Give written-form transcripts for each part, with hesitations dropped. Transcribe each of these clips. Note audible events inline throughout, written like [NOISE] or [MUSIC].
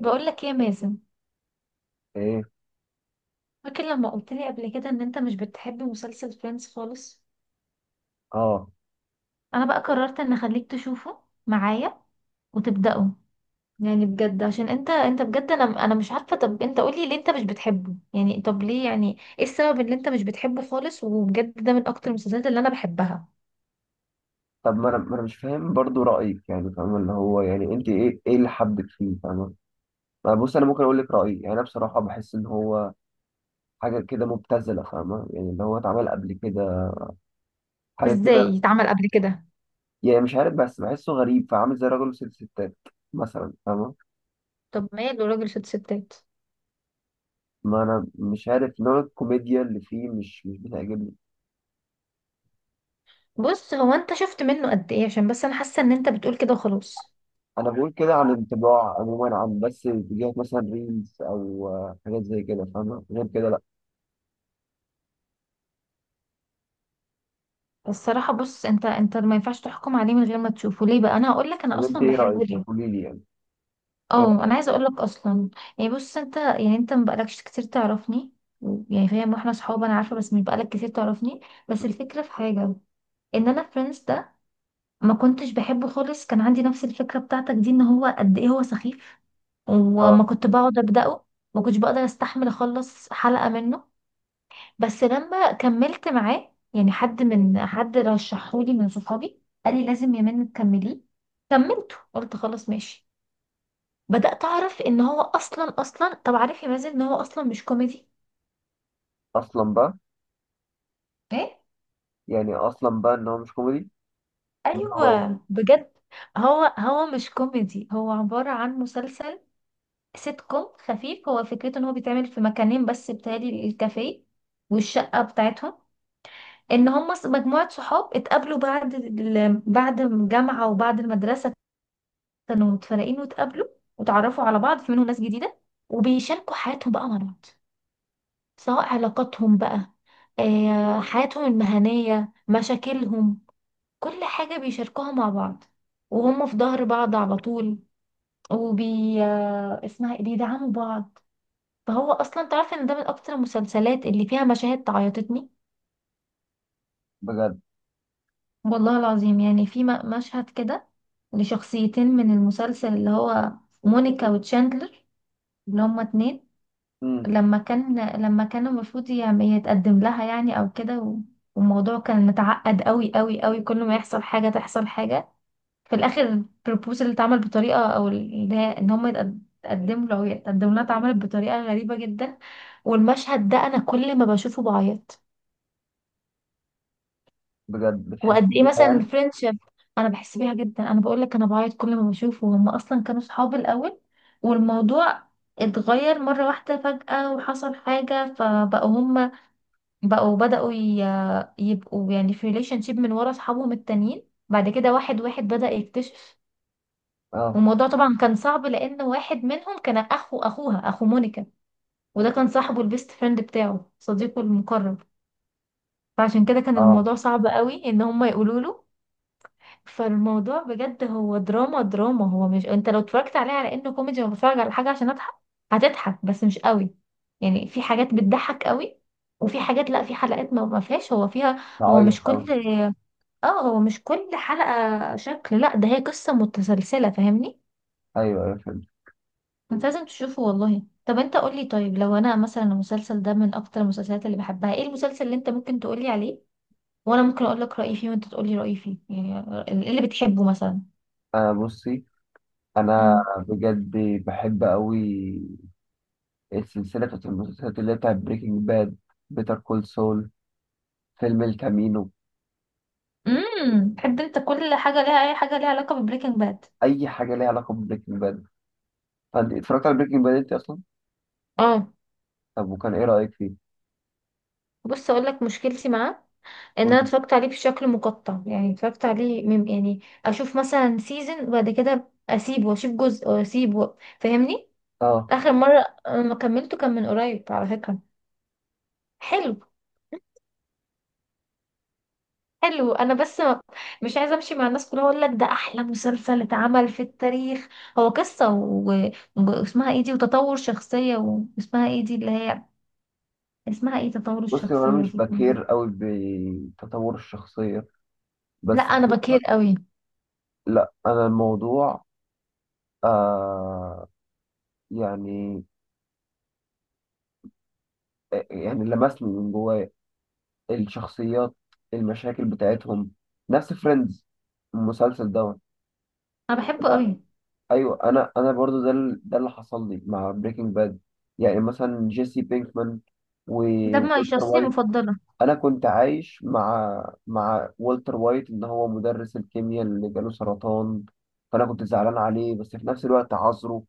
بقول لك ايه يا مازن؟ ايه. فاكر لما قلت لي قبل كده ان انت مش بتحب مسلسل فريندز خالص؟ اه. انا بقى قررت ان اخليك تشوفه معايا وتبداه. يعني بجد عشان انت بجد، انا مش عارفه، طب انت قولي ليه انت مش بتحبه، يعني طب ليه، يعني ايه السبب اللي انت مش بتحبه خالص؟ وبجد ده من اكتر المسلسلات اللي انا بحبها. طب ما انا مش فاهم برضو رايك، يعني فاهم اللي هو، يعني انت ايه اللي حبك فيه فاهمه؟ ما بص، انا ممكن اقول لك رايي. يعني انا بصراحه بحس ان هو حاجه كده مبتذله، فاهمه؟ يعني اللي هو اتعمل قبل كده حاجه كده. ازاي اتعمل قبل كده؟ يعني مش عارف، بس بحسه غريب، فعامل زي راجل وست ستات مثلا، فاهمه. طب ماله راجل ست ستات؟ ما انا مش عارف نوع الكوميديا اللي فيه مش بتعجبني. بص، هو انت شفت منه قد ايه؟ عشان بس انا حاسه ان انت بتقول كده وخلاص. انا بقول كده عن انطباع عموما، عن بس فيديوهات مثلا، ريلز او حاجات زي كده فاهمه، غير كده لا. الصراحة بص، انت ما ينفعش تحكم عليه من غير ما تشوفه. ليه بقى انا هقول لك انا طب انت اصلا ايه رايك؟ بحبه ليه؟ قولي لي يعني. إيه رأيك؟ اه، انا عايزة اقول لك اصلا. يعني بص، انت ما بقالكش كتير تعرفني، يعني فاهم، واحنا صحاب انا عارفة، بس مش بقالك كتير تعرفني. بس الفكرة في حاجة، ان انا فريندز ده ما كنتش بحبه خالص، كان عندي نفس الفكرة بتاعتك دي، ان هو قد ايه هو سخيف، وما آه. كنت بقعد ابدأه، ما كنتش بقدر استحمل اخلص حلقة منه. بس لما كملت معاه، يعني حد من حد رشحولي من صحابي قال لي لازم يمين تكمليه، كملته قلت خلاص ماشي. بدأت أعرف إن هو أصلا طب، عارف يا مازن إن هو أصلا مش كوميدي؟ اصلا بقى. إيه؟ يعني اصلا بقى ان هو مش كوميدي. إن هو إيه؟ أيوه بجد. هو مش كوميدي، هو عبارة عن مسلسل سيت كوم خفيف. هو فكرته إن هو بيتعمل في مكانين بس، بتهيألي الكافيه والشقة بتاعتهم. ان هم مجموعة صحاب اتقابلوا بعد بعد الجامعة وبعد المدرسة، كانوا متفرقين واتقابلوا وتعرفوا على بعض، في منهم ناس جديدة، وبيشاركوا حياتهم بقى مع بعض، سواء علاقاتهم بقى، حياتهم المهنية، مشاكلهم، كل حاجة بيشاركوها مع بعض، وهم في ظهر بعض على طول، وبي آه، اسمها إيه؟ بيدعموا بعض. فهو أصلا تعرف إن ده من أكتر المسلسلات اللي فيها مشاهد تعيطتني. بجد؟ والله العظيم، يعني في مشهد كده لشخصيتين من المسلسل، اللي هو مونيكا وتشاندلر، اللي هما اتنين امم. لما كان، لما كان المفروض يعني يتقدم لها يعني او كده، والموضوع كان متعقد قوي قوي قوي، كل ما يحصل حاجة تحصل حاجة. في الاخر البروبوزال اللي اتعمل بطريقة، او اللي هي ان هم يتقدموا له او يتقدموا لها، اتعملت بطريقة غريبة جدا، والمشهد ده انا كل ما بشوفه بعيط. بجد بتحس وقد ايه بيها مثلا يعني. الفرنشيب، انا بحس بيها جدا، انا بقول لك انا بعيط كل ما بشوفه. هم اصلا كانوا صحاب الاول، والموضوع اتغير مرة واحدة فجأة، وحصل حاجة فبقوا هم، بقوا بدأوا يبقوا يعني في ريليشن شيب من ورا اصحابهم التانيين، بعد كده واحد واحد بدأ يكتشف. اه. والموضوع طبعا كان صعب، لأن واحد منهم كان أخو أخو مونيكا، وده كان صاحبه البيست فريند بتاعه، صديقه المقرب، فعشان كده كان اه. الموضوع صعب قوي إن هم يقولوا له. فالموضوع بجد هو دراما دراما، هو مش، انت لو اتفرجت عليه على انه كوميدي وانا بتفرج على حاجة عشان اضحك، هتضحك بس مش قوي. يعني في حاجات بتضحك قوي، وفي حاجات لا، في حلقات ما فيهاش، هو فيها هو بعيط مش كل، اوي. اه هو مش كل حلقة شكل، لا ده هي قصة متسلسلة، فاهمني؟ ايوه، ايوه فهمت. انت لازم تشوفه والله. طب انت قولي، طيب لو انا مثلا المسلسل ده من اكتر المسلسلات اللي بحبها، ايه المسلسل اللي انت ممكن تقولي عليه وانا ممكن اقول لك رأيي فيه وانت تقولي رأيي فيه؟ يعني ايه اللي بتحبه مثلا؟ انا بصي. انا امم. بجد بحب اوي السلسله بتاعت المسلسلات، اللي هي بتاعت بريكنج باد، بيتر كول سول، فيلم الكامينو. امم، بتحب انت كل حاجة ليها، اي حاجة ليها علاقة ببريكنج باد. اي حاجه ليها علاقه ببريكنج باد. فانت اتفرجت على بريكنج باد انت اصلا؟ اه. طب وكان ايه رايك فيه؟ بص اقول لك مشكلتي معاه، ان انا قول- اتفرجت عليه بشكل مقطع، يعني اتفرجت عليه يعني اشوف مثلا سيزون وبعد كده اسيبه واشوف جزء واسيبه، فاهمني؟ اه. اخر مره انا كملته كان من قريب على فكره، حلو حلو. انا بس مش عايزه امشي مع الناس كلها اقول لك ده احلى مسلسل اتعمل في التاريخ، هو قصه واسمها ايه دي، وتطور شخصيه واسمها ايه دي اللي هي، اسمها ايه تطور بصي، هو انا الشخصيه مش دي؟ بكير قوي بتطور الشخصيه، لا بس انا بكير قوي. لا، انا الموضوع آه، يعني، يعني لمسني من جوايا، الشخصيات، المشاكل بتاعتهم، نفس فريندز المسلسل دوت. انا بحبه انا، قوي. ايوه انا، برضو ده ده اللي حصل لي مع بريكنج باد. يعني مثلا جيسي بينكمان، و... ده ما وولتر شخصيه وايت. مفضله. انا كنت عايش مع والتر وايت، ان هو مدرس الكيمياء اللي جاله سرطان، فانا كنت زعلان عليه، بس في نفس الوقت عذره،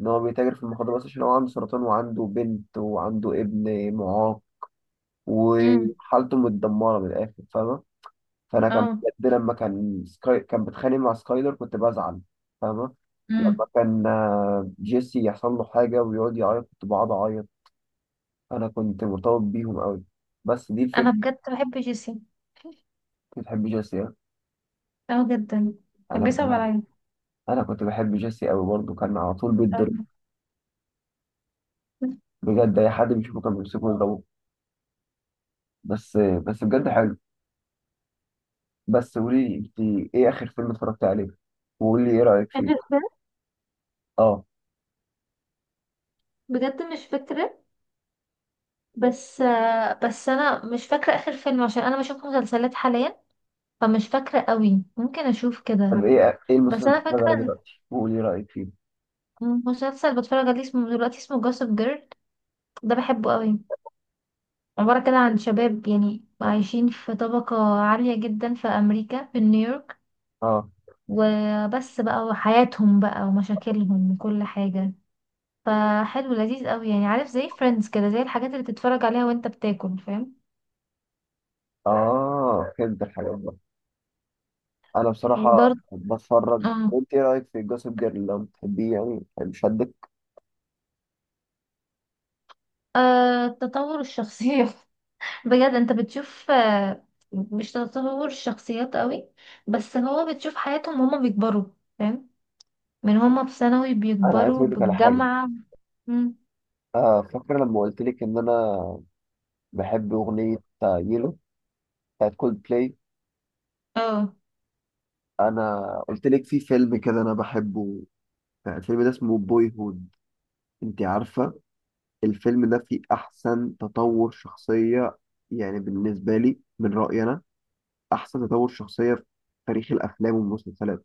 ان هو بيتاجر في المخدرات بس عشان هو عنده سرطان وعنده بنت وعنده ابن معاق، امم. وحالته متدمره من الاخر، فاهمه؟ فانا كان، اه. بجد لما كان سكاي، كان بيتخانق مع سكايلر كنت بزعل، فاهمه؟ لما امم. كان جيسي يحصل له حاجه ويقعد يعيط كنت بقعد اعيط. انا كنت مرتبط بيهم قوي، بس دي انا الفكره. بجد بحب جيسي. بتحب جيسي. اه جدا. كان انا كنت بيصعب بحب عليا. انا كنت بحب جيسي قوي برضه، كان على طول بيتضرب. [LAUGHS] بجد اي حد بيشوفه كان بيمسكه يضربه. بس، بس بجد حلو. بس قولي لي انت، ايه اخر فيلم اتفرجت عليه؟ وقولي لي ايه رايك فيه. اه. بجد مش فاكره. بس بس انا مش فاكره اخر فيلم، عشان انا بشوف مسلسلات حاليا، فمش فاكره قوي، ممكن اشوف طب كده. أنا، ايه المسلسل بس انا اللي بتتفرج عليه فاكره دلوقتي؟ وقولي لي رايك فيه. إن مسلسل بتفرج عليه اسمه دلوقتي، اسمه جوسب جيرل، ده بحبه قوي. عباره كده عن شباب يعني عايشين في طبقه عاليه جدا في امريكا، في نيويورك، اه. وبس بقى، وحياتهم بقى ومشاكلهم وكل حاجه. فحلو لذيذ قوي، يعني عارف زي فريندز كده، زي الحاجات اللي تتفرج عليها وانت بتاكل، فاهم؟ اه فهمت الحاجات بقى. انا بصراحه وبرضه بتفرج. اه. انت ايه رايك في جوسب جيرل لو بتحبيه؟ يعني شدك؟ تطور الشخصيه. [LAUGHS] بجد انت بتشوف، مش تطور الشخصيات قوي، بس هو بتشوف حياتهم هما بيكبروا، فاهم؟ من هما في ثانوي انا عايز بيكبروا اقول لك على حاجه. بالجامعة. مم. آه، فاكره لما قلت لك ان انا بحب اغنيه يلو بتاعت كولد بلاي؟ اه. انا قلت لك في فيلم كده انا بحبه، الفيلم ده اسمه بوي هود. انت عارفه الفيلم ده فيه احسن تطور شخصيه، يعني بالنسبه لي من رايي انا، احسن تطور شخصيه في تاريخ الافلام والمسلسلات.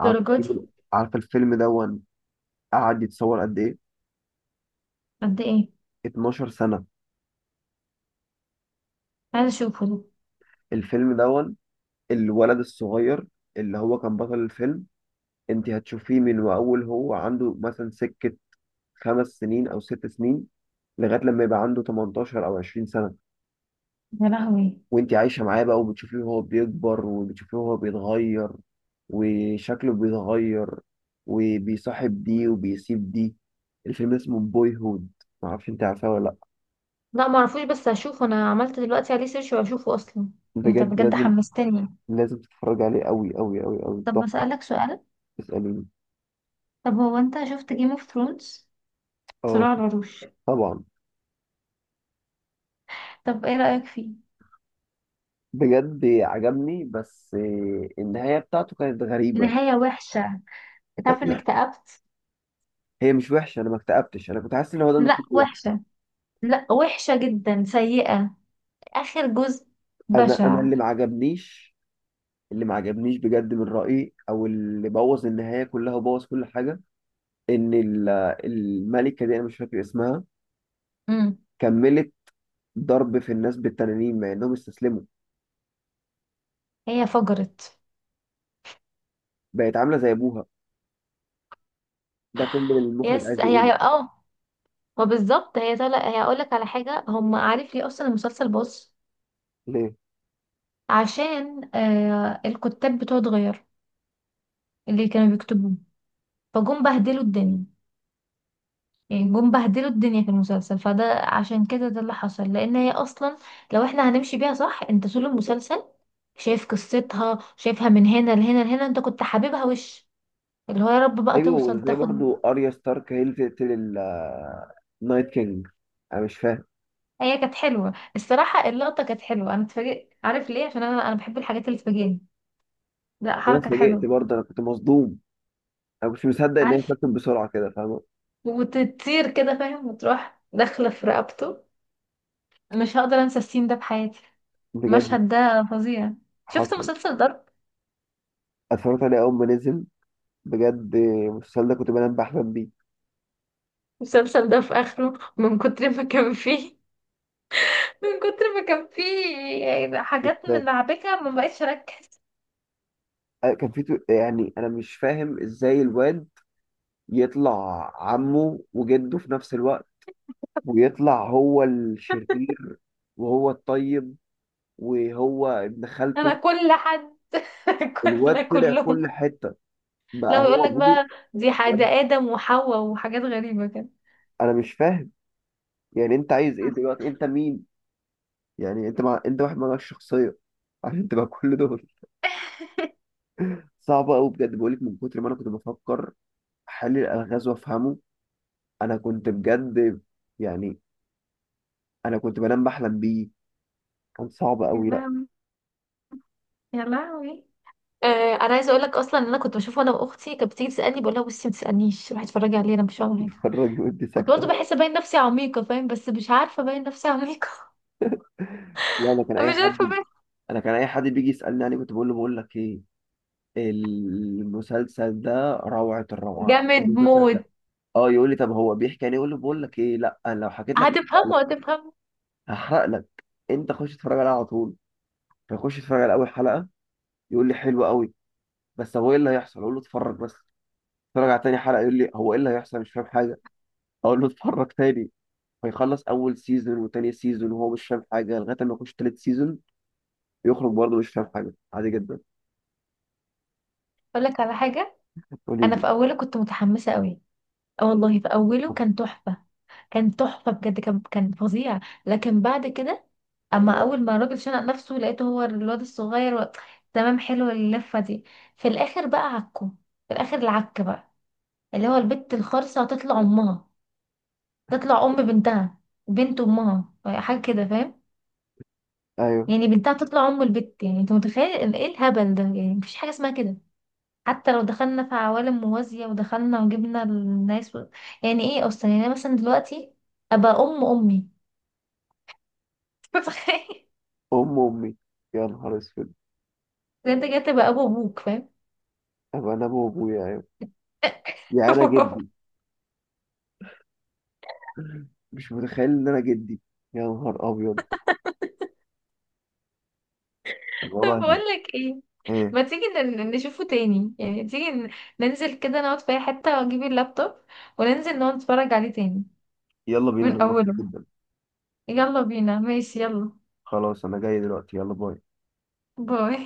عارف، دي؟ عارف الفيلم دون قعد يتصور قد ايه؟ قد ايه؟ 12 سنه. عايزة اشوفه ده. الفيلم دون الولد الصغير اللي هو كان بطل الفيلم، انت هتشوفيه من واول هو عنده مثلا سكه خمس سنين او ست سنين، لغايه لما يبقى عنده 18 او 20 سنه. يا لهوي. وانت عايشه معاه بقى، وبتشوفيه وهو بيكبر، وبتشوفيه وهو بيتغير، وشكله بيتغير، وبيصاحب دي وبيسيب دي. الفيلم اسمه بوي هود، معرفش انت عارفاه ولا لا. لا معرفوش، بس هشوفه، انا عملت دلوقتي عليه سيرش وهشوفه اصلا. انت بجد بجد لازم، حمستني. لازم تتفرج عليه، قوي قوي قوي قوي، طب تحفه. بسألك سؤال، اساليني. طب هو انت شفت جيم اوف ثرونز، اه. صراع العروش؟ طبعا. طب ايه رأيك فيه؟ بجد عجبني، بس النهايه بتاعته كانت غريبه. نهاية وحشة، تعرف انك اكتئبت. هي مش وحشه، انا ما اكتئبتش، انا كنت حاسس ان هو ده لا المفروض يحصل. وحشة، لا وحشة جدا، سيئة. آخر جزء انا بشع. اللي ما عجبنيش، بجد من رأيي، او اللي بوظ النهاية كلها وبوظ كل حاجة، ان الملكة دي، انا مش فاكر اسمها، امم. كملت ضرب في الناس بالتنانين مع انهم استسلموا، هي فجرت. بقت عاملة زي ابوها، ده كل اللي المخرج يس عايز هي يقوله. هي اه. ما بالظبط هي طالع هي. اقول لك على حاجة، هم، عارف ليه اصلا المسلسل باظ؟ ليه؟ عشان الكتاب بتوعه اتغير، اللي كانوا بيكتبوه، فجم بهدلوا الدنيا، يعني جم بهدلوا الدنيا في المسلسل، فده عشان كده ده اللي حصل. لان هي اصلا، لو احنا هنمشي بيها صح، انت طول المسلسل شايف قصتها، شايفها من هنا لهنا لهنا، انت كنت حاببها وش اللي هو يا رب بقى ايوه، توصل زي تاخد. برضو اريا ستارك هي اللي تقتل النايت كينج، انا مش فاهم. هي كانت حلوه الصراحه، اللقطه كانت حلوه، انا اتفاجئت، عارف ليه؟ عشان انا بحب الحاجات اللي تفاجئني، لا وانا حركه اتفاجئت حلوه. برضه، انا كنت مصدوم، انا مش مصدق ان هي عارف، اتكتب بسرعة كده، فاهمة؟ وتطير كده فاهم، وتروح داخله في رقبته، مش هقدر انسى السين ده بحياتي، بجد. المشهد ده فظيع. شفت حصل. مسلسل ضرب؟ اتفرجت عليه اول ما نزل، بجد المسلسل ده كنت بنام بحلم المسلسل ده في اخره من كتر ما كان فيه [LAUGHS] من كتر ما كان فيه حاجات من بيه. لعبكه ما بقتش اركز. كان في يعني انا مش فاهم ازاي الواد يطلع عمه وجده في نفس الوقت، ويطلع هو الشرير وهو الطيب وهو ابن خالته. انا كل حد. [LAUGHS] الواد كل طلع كلهم. كل حتة، بقى لو يقول هو لك ابوه. بقى دي حاجه ادم وحواء وحاجات غريبه انا مش فاهم، يعني انت عايز ايه كده. دلوقتي؟ انت مين؟ يعني انت مع... انت واحد مالكش شخصية عشان تبقى كل دول. صعبة قوي بجد، بقولك من كتر ما انا كنت بفكر حل الالغاز وافهمه، انا كنت بجد، يعني انا كنت بنام بحلم بيه، كان صعب يا قوي. لا. لهوي. يا لهوي. انا عايزه اقول لك اصلا ان انا كنت بشوفه انا واختي، كانت بتيجي تسالني بقول لها بصي ما تسالنيش، روحي اتفرجي عليه، انا مش هعمل [LAUGHS] حاجه. اتفرج ودي كنت برضه ساكته. بحس باين نفسي عميقه فاهم، بس مش عارفه باين نفسي عميقه. لا، انا كان [LAUGHS] اي مش عارفه حد، باين. انا كان اي حد بيجي يسالني عليه كنت بقول له، بقول لك ايه، المسلسل ده روعه الروعه، احسن جامد مسلسل موت. ده. اه، يقول لي طب هو بيحكي يعني، يقول له بقول لك ايه، لا انا لو حكيت لك هحرق لك، هتفهمه هتفهمه. هحرق لك. انت خش اتفرج عليها على طول. فيخش يتفرج على اول حلقه، يقول لي حلو قوي، بس هو ايه اللي هيحصل؟ اقول له اتفرج بس. اتفرج على تاني حلقه، يقول لي هو ايه اللي هيحصل مش فاهم حاجه، اقول له اتفرج تاني. فيخلص اول سيزون وتاني سيزون وهو مش فاهم حاجه، لغايه ما يخش تالت سيزون، يخرج برضه مش فاهم حاجة، عادي جدا. اقول لك على حاجه. قولي انا لي. في اوله كنت متحمسه قوي، اه والله في اوله كان تحفه، كان تحفه بجد، كان كان فظيع. لكن بعد كده، اما اول ما الراجل شنق نفسه لقيته هو الواد الصغير، و... تمام حلو اللفه دي. في الاخر بقى عكه، في الاخر العك بقى، اللي هو البت الخرصه هتطلع امها، تطلع ام بنتها، بنت امها، حاجه كده فاهم؟ أيوه. يعني بنتها تطلع ام البت، يعني انت متخيل إن ايه الهبل ده؟ يعني مفيش حاجه اسمها كده، حتى لو دخلنا في عوالم موازية ودخلنا وجبنا الناس، و... يعني ايه اصلا؟ يعني انا مثلا دلوقتي ابقى ام امي. [LAUGHS] متخيل أم أمي؟ يا نهار أسود. إن انت جاي تبقى ابو ابوك فاهم؟ أبقى أنا أبو أبويا؟ أيوه، يا أنا جدي. [LAUGHS] مش متخيل إن أنا جدي. يا نهار أبيض طب الوضع. بقول لك ايه، إيه؟ ما تيجي نشوفه تاني، يعني تيجي ننزل كده نقعد في اي حتة واجيب اللابتوب وننزل نقعد نتفرج عليه تاني، يلا بينا من نروح، اوله. جدا. يلا بينا ماشي يلا. خلاص أنا جاي دلوقتي، يلا باي. باي.